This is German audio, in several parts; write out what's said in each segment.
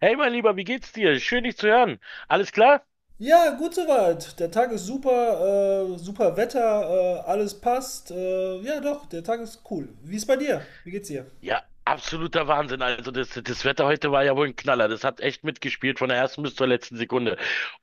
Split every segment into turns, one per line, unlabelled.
Hey, mein Lieber, wie geht's dir? Schön, dich zu hören. Alles klar?
Ja, gut soweit. Der Tag ist super, super Wetter, alles passt. Ja, doch, der Tag ist cool. Wie ist bei dir? Wie geht's dir?
Ja, absoluter Wahnsinn. Also, das Wetter heute war ja wohl ein Knaller. Das hat echt mitgespielt von der ersten bis zur letzten Sekunde.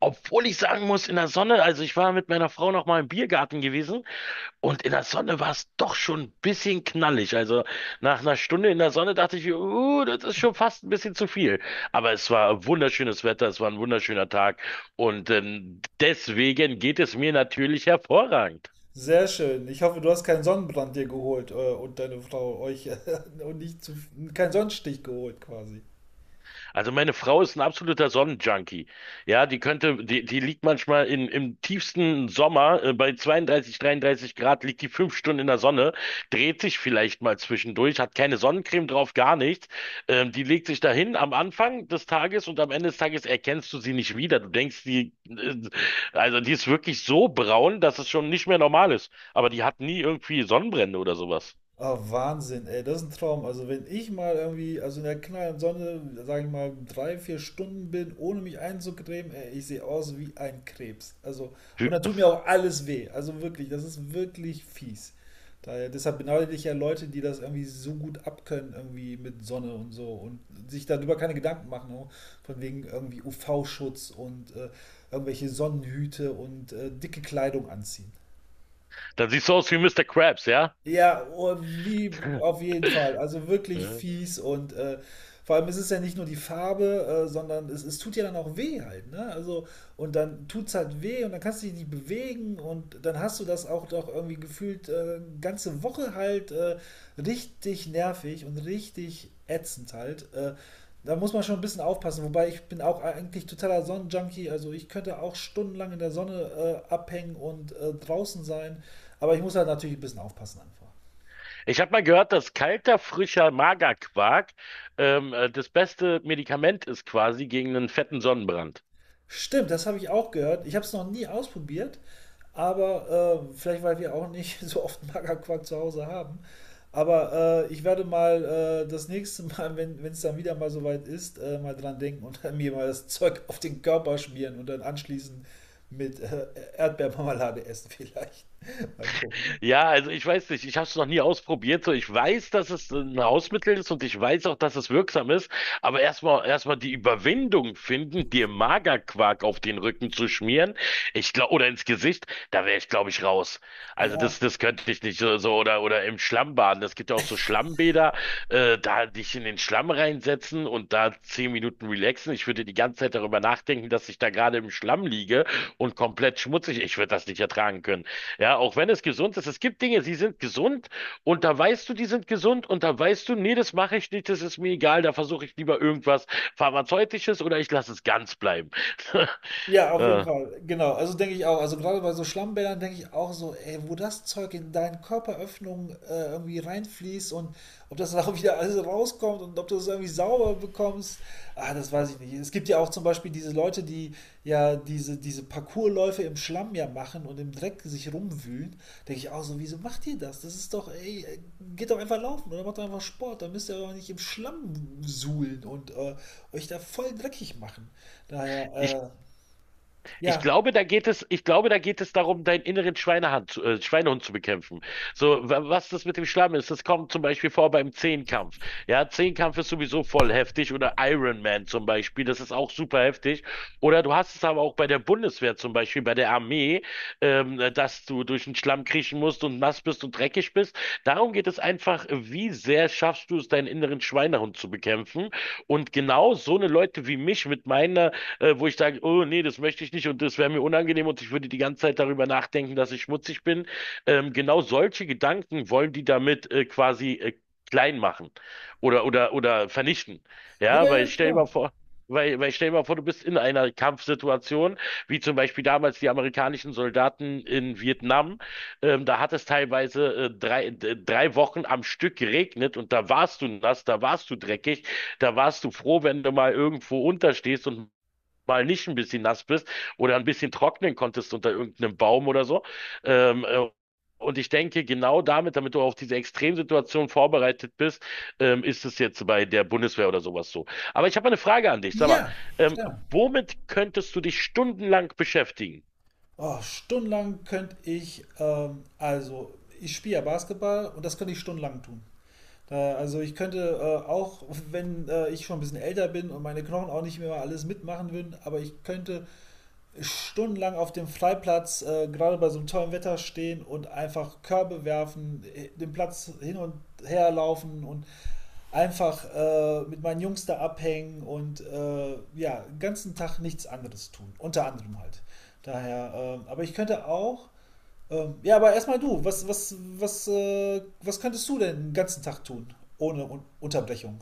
Obwohl ich sagen muss, in der Sonne, also ich war mit meiner Frau noch mal im Biergarten gewesen und in der Sonne war es doch schon ein bisschen knallig. Also, nach einer Stunde in der Sonne dachte ich, das ist schon fast ein bisschen zu viel. Aber es war wunderschönes Wetter, es war ein wunderschöner Tag und deswegen geht es mir natürlich hervorragend.
Sehr schön. Ich hoffe, du hast keinen Sonnenbrand dir geholt und deine Frau euch und nicht zu, keinen Sonnenstich geholt quasi.
Also meine Frau ist ein absoluter Sonnenjunkie. Ja, die liegt manchmal im tiefsten Sommer, bei 32, 33 Grad, liegt die 5 Stunden in der Sonne, dreht sich vielleicht mal zwischendurch, hat keine Sonnencreme drauf, gar nichts. Die legt sich dahin am Anfang des Tages und am Ende des Tages erkennst du sie nicht wieder. Du denkst, also die ist wirklich so braun, dass es schon nicht mehr normal ist. Aber die hat nie irgendwie Sonnenbrände oder sowas.
Ah, Wahnsinn, ey, das ist ein Traum. Also wenn ich mal irgendwie, also in der knallen Sonne, sage ich mal, drei, vier Stunden bin, ohne mich einzucremen, ey, ich sehe aus wie ein Krebs. Also, und
Wie-
da tut mir auch alles weh. Also wirklich, das ist wirklich fies. Deshalb beneide ich ja Leute, die das irgendwie so gut abkönnen, irgendwie mit Sonne und so und sich darüber keine Gedanken machen, ne? Von wegen irgendwie UV-Schutz und irgendwelche Sonnenhüte und dicke Kleidung anziehen.
Dann siehst du aus wie Mister Krabs, ja?
Ja, oh, wie auf jeden Fall. Also wirklich fies und vor allem ist es ja nicht nur die Farbe, sondern es tut ja dann auch weh halt, ne? Also und dann tut's halt weh und dann kannst du dich nicht bewegen und dann hast du das auch doch irgendwie gefühlt ganze Woche halt richtig nervig und richtig ätzend halt. Da muss man schon ein bisschen aufpassen. Wobei ich bin auch eigentlich totaler Sonnenjunkie. Also ich könnte auch stundenlang in der Sonne abhängen und draußen sein. Aber ich muss halt natürlich ein bisschen aufpassen einfach.
Ich habe mal gehört, dass kalter, frischer Magerquark das beste Medikament ist quasi gegen einen fetten Sonnenbrand.
Stimmt, das habe ich auch gehört. Ich habe es noch nie ausprobiert, aber vielleicht, weil wir auch nicht so oft Magerquark zu Hause haben. Aber ich werde mal das nächste Mal, wenn es dann wieder mal soweit ist, mal dran denken und mir mal das Zeug auf den Körper schmieren und dann anschließend mit Erdbeermarmelade essen vielleicht. Mal gucken.
Ja, also ich weiß nicht, ich habe es noch nie ausprobiert. So, ich weiß, dass es ein Hausmittel ist und ich weiß auch, dass es wirksam ist. Aber erstmal die Überwindung finden, dir Magerquark auf den Rücken zu schmieren, ich glaube, oder ins Gesicht, da wäre ich, glaube ich, raus. Also das,
Ja,
das könnte ich nicht. So, oder im Schlamm baden. Es gibt ja auch so Schlammbäder, da dich in den Schlamm reinsetzen und da 10 Minuten relaxen. Ich würde die ganze Zeit darüber nachdenken, dass ich da gerade im Schlamm liege und komplett schmutzig. Ich würde das nicht ertragen können. Ja, auch wenn es gesund ist. Es gibt Dinge, sie sind gesund und da weißt du, die sind gesund und da weißt du, nee, das mache ich nicht, das ist mir egal, da versuche ich lieber irgendwas Pharmazeutisches oder ich lasse es ganz bleiben.
ja, auf jeden
Ja.
Fall. Genau. Also denke ich auch. Also gerade bei so Schlammbädern denke ich auch so, ey, wo das Zeug in deinen Körperöffnungen irgendwie reinfließt und ob das dann auch wieder alles rauskommt und ob du es irgendwie sauber bekommst, ah, das weiß ich nicht. Es gibt ja auch zum Beispiel diese Leute, die ja diese Parkourläufe im Schlamm ja machen und im Dreck sich rumwühlen. Denke ich auch so, wieso macht ihr das? Das ist doch, ey, geht doch einfach laufen oder macht doch einfach Sport. Dann müsst ihr doch nicht im Schlamm suhlen und euch da voll dreckig machen.
Ich
Daher, äh,
Ich
ja,
glaube, da geht es, ich glaube, da geht es darum, deinen inneren Schweinehund zu bekämpfen. So, was das mit dem Schlamm ist, das kommt zum Beispiel vor beim Zehnkampf. Ja, Zehnkampf ist sowieso voll heftig oder Iron Man zum Beispiel, das ist auch super heftig. Oder du hast es aber auch bei der Bundeswehr zum Beispiel, bei der Armee, dass du durch den Schlamm kriechen musst und nass bist und dreckig bist. Darum geht es einfach, wie sehr schaffst du es, deinen inneren Schweinehund zu bekämpfen? Und genau so eine Leute wie mich mit meiner wo ich sage, oh nee, das möchte ich nicht und das wäre mir unangenehm und ich würde die ganze Zeit darüber nachdenken, dass ich schmutzig bin. Genau solche Gedanken wollen die damit quasi klein machen oder vernichten. Ja,
ja,
weil
ja,
stell dir mal
klar.
vor, Weil, weil stell dir mal vor, du bist in einer Kampfsituation, wie zum Beispiel damals die amerikanischen Soldaten in Vietnam. Da hat es teilweise 3 Wochen am Stück geregnet und da warst du nass, da warst du dreckig, da warst du froh, wenn du mal irgendwo unterstehst und mal nicht ein bisschen nass bist oder ein bisschen trocknen konntest unter irgendeinem Baum oder so. Ähm, äh, und ich denke, genau damit du auf diese Extremsituation vorbereitet bist, ist es jetzt bei der Bundeswehr oder sowas so. Aber ich habe eine Frage an dich. Sag mal,
Ja,
ähm,
klar.
womit könntest du dich stundenlang beschäftigen?
Oh, stundenlang könnte ich, also ich spiele ja Basketball und das könnte ich stundenlang tun. Also ich könnte auch, wenn ich schon ein bisschen älter bin und meine Knochen auch nicht mehr alles mitmachen würden, aber ich könnte stundenlang auf dem Freiplatz, gerade bei so einem tollen Wetter stehen und einfach Körbe werfen, den Platz hin und her laufen und einfach mit meinen Jungs da abhängen und ja, den ganzen Tag nichts anderes tun. Unter anderem halt. Aber ich könnte auch. Ja, aber erstmal du, was könntest du denn den ganzen Tag tun? Ohne Un Unterbrechung.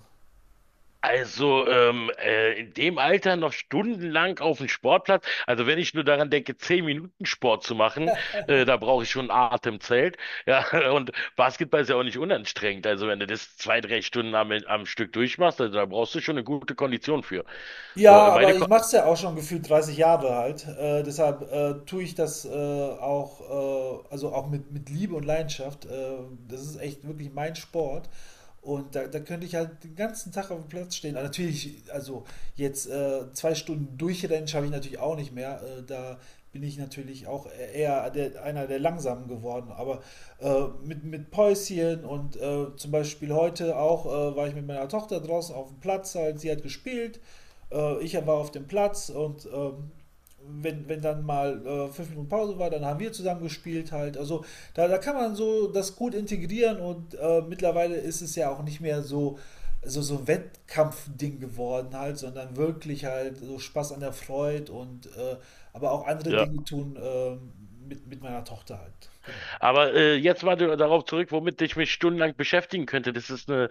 Also in dem Alter noch stundenlang auf dem Sportplatz. Also wenn ich nur daran denke, 10 Minuten Sport zu machen, da brauche ich schon ein Atemzelt. Ja, und Basketball ist ja auch nicht unanstrengend. Also wenn du das 2, 3 Stunden am Stück durchmachst, also da brauchst du schon eine gute Kondition für. So,
Ja,
meine
aber
Ko,
ich mache es ja auch schon gefühlt 30 Jahre halt. Deshalb tue ich das auch, also auch mit Liebe und Leidenschaft. Das ist echt wirklich mein Sport. Und da könnte ich halt den ganzen Tag auf dem Platz stehen. Aber natürlich, also jetzt zwei Stunden durchrennen schaffe ich natürlich auch nicht mehr. Da bin ich natürlich auch eher einer der Langsamen geworden. Aber mit Päuschen und zum Beispiel heute auch war ich mit meiner Tochter draußen auf dem Platz, halt, sie hat gespielt. Ich war auf dem Platz und wenn dann mal fünf Minuten Pause war, dann haben wir zusammen gespielt halt. Also da kann man so das gut integrieren und mittlerweile ist es ja auch nicht mehr so ein Wettkampfding geworden halt, sondern wirklich halt so Spaß an der Freude und aber auch andere
ja.
Dinge tun mit meiner Tochter halt. Genau.
Aber jetzt mal darauf zurück, womit ich mich stundenlang beschäftigen könnte. Das ist eine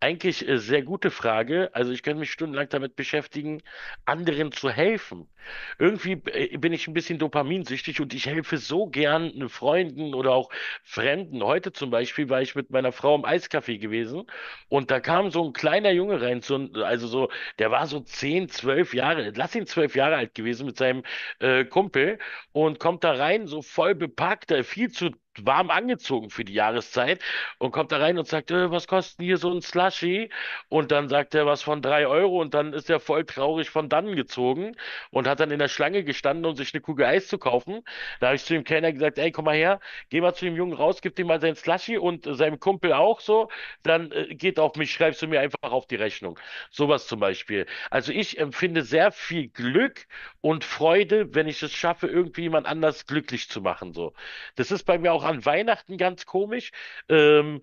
eigentlich sehr gute Frage. Also ich könnte mich stundenlang damit beschäftigen, anderen zu helfen. Irgendwie bin ich ein bisschen dopaminsüchtig und ich helfe so gern Freunden oder auch Fremden. Heute zum Beispiel war ich mit meiner Frau im Eiscafé gewesen und da kam so ein kleiner Junge rein, der war so 10, 12 Jahre, lass ihn 12 Jahre alt gewesen mit seinem Kumpel und kommt da rein, so voll bepackt, viel zu warm angezogen für die Jahreszeit und kommt da rein und sagt, was kostet hier so ein Slushy? Und dann sagt er was von 3 Euro und dann ist er voll traurig von dannen gezogen und hat dann in der Schlange gestanden, um sich eine Kugel Eis zu kaufen. Da habe ich zu dem Kellner gesagt, ey, komm mal her, geh mal zu dem Jungen raus, gib dem mal sein Slushy und seinem Kumpel auch so, dann geht auf mich, schreibst du mir einfach auf die Rechnung. Sowas zum Beispiel. Also ich empfinde sehr viel Glück und Freude, wenn ich es schaffe, irgendwie jemand anders glücklich zu machen. So. Das ist bei mir auch an Weihnachten ganz komisch. Ähm,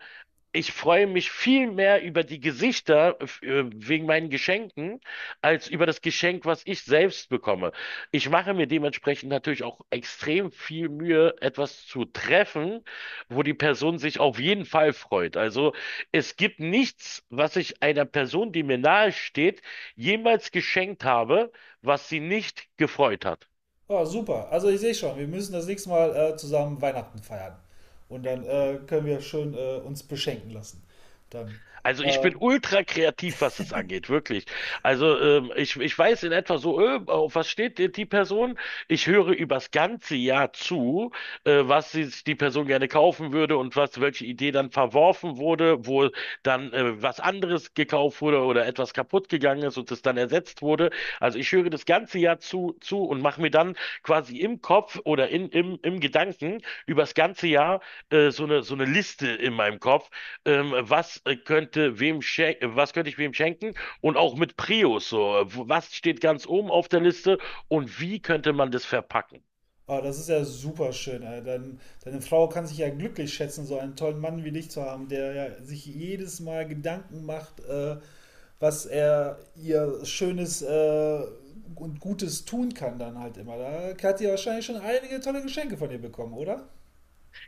ich freue mich viel mehr über die Gesichter wegen meinen Geschenken als über das Geschenk, was ich selbst bekomme. Ich mache mir dementsprechend natürlich auch extrem viel Mühe, etwas zu treffen, wo die Person sich auf jeden Fall freut. Also es gibt nichts, was ich einer Person, die mir nahe steht, jemals geschenkt habe, was sie nicht gefreut hat.
Oh, super. Also ich sehe schon, wir müssen das nächste Mal zusammen Weihnachten feiern. Und dann können wir schön uns beschenken lassen. Dann.
Also ich
Äh,
bin ultra kreativ, was es angeht, wirklich. Also ich weiß in etwa so, auf was steht die Person? Ich höre übers ganze Jahr zu, was sich die Person gerne kaufen würde und was, welche Idee dann verworfen wurde, wo dann was anderes gekauft wurde oder etwas kaputt gegangen ist und es dann ersetzt wurde. Also ich höre das ganze Jahr zu und mache mir dann quasi im Kopf oder im Gedanken übers ganze Jahr so eine Liste in meinem Kopf was könnte ich wem schenken und auch mit Prius so, was steht ganz oben auf der Liste und wie könnte man das verpacken?
oh, das ist ja super schön. Deine Frau kann sich ja glücklich schätzen, so einen tollen Mann wie dich zu haben, der ja sich jedes Mal Gedanken macht, was er ihr Schönes und Gutes tun kann dann halt immer. Da hat sie wahrscheinlich schon einige tolle Geschenke von dir bekommen, oder?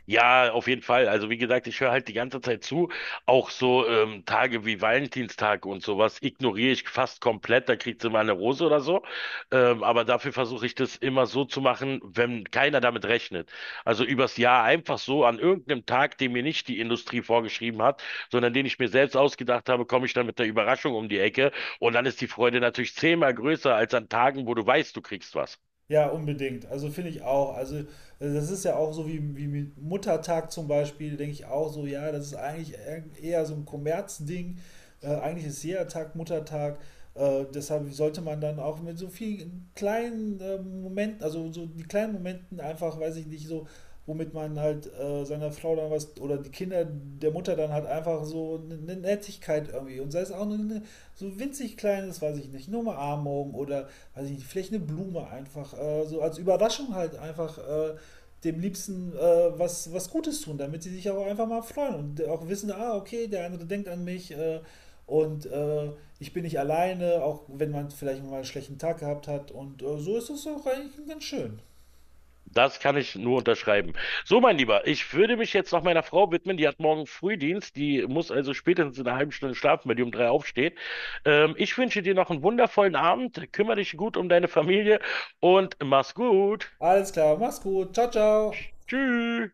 Ja, auf jeden Fall. Also wie gesagt, ich höre halt die ganze Zeit zu. Auch so Tage wie Valentinstag und sowas ignoriere ich fast komplett. Da kriegt sie mal eine Rose oder so. Aber dafür versuche ich das immer so zu machen, wenn keiner damit rechnet. Also übers Jahr einfach so an irgendeinem Tag, den mir nicht die Industrie vorgeschrieben hat, sondern den ich mir selbst ausgedacht habe, komme ich dann mit der Überraschung um die Ecke. Und dann ist die Freude natürlich zehnmal größer als an Tagen, wo du weißt, du kriegst was.
Ja, unbedingt. Also finde ich auch. Also das ist ja auch so wie mit Muttertag zum Beispiel, denke ich auch so, ja, das ist eigentlich eher so ein Kommerzding. Eigentlich ist jeder Tag Muttertag. Deshalb sollte man dann auch mit so vielen kleinen Momenten, also so die kleinen Momenten einfach, weiß ich nicht, so womit man halt seiner Frau dann was oder die Kinder der Mutter dann halt einfach so eine Nettigkeit irgendwie und sei es auch nur eine, so winzig kleines, weiß ich nicht, nur eine Umarmung oder weiß ich nicht, vielleicht eine Blume einfach so als Überraschung halt einfach dem Liebsten was Gutes tun, damit sie sich auch einfach mal freuen und auch wissen, ah, okay, der andere denkt an mich und ich bin nicht alleine, auch wenn man vielleicht mal einen schlechten Tag gehabt hat und so ist es auch eigentlich ganz schön.
Das kann ich nur unterschreiben. So, mein Lieber, ich würde mich jetzt noch meiner Frau widmen. Die hat morgen Frühdienst. Die muss also spätestens in einer halben Stunde schlafen, wenn die um drei aufsteht. Ich wünsche dir noch einen wundervollen Abend. Kümmere dich gut um deine Familie und mach's gut.
Alles klar, mach's gut, ciao, ciao.
Tschüss.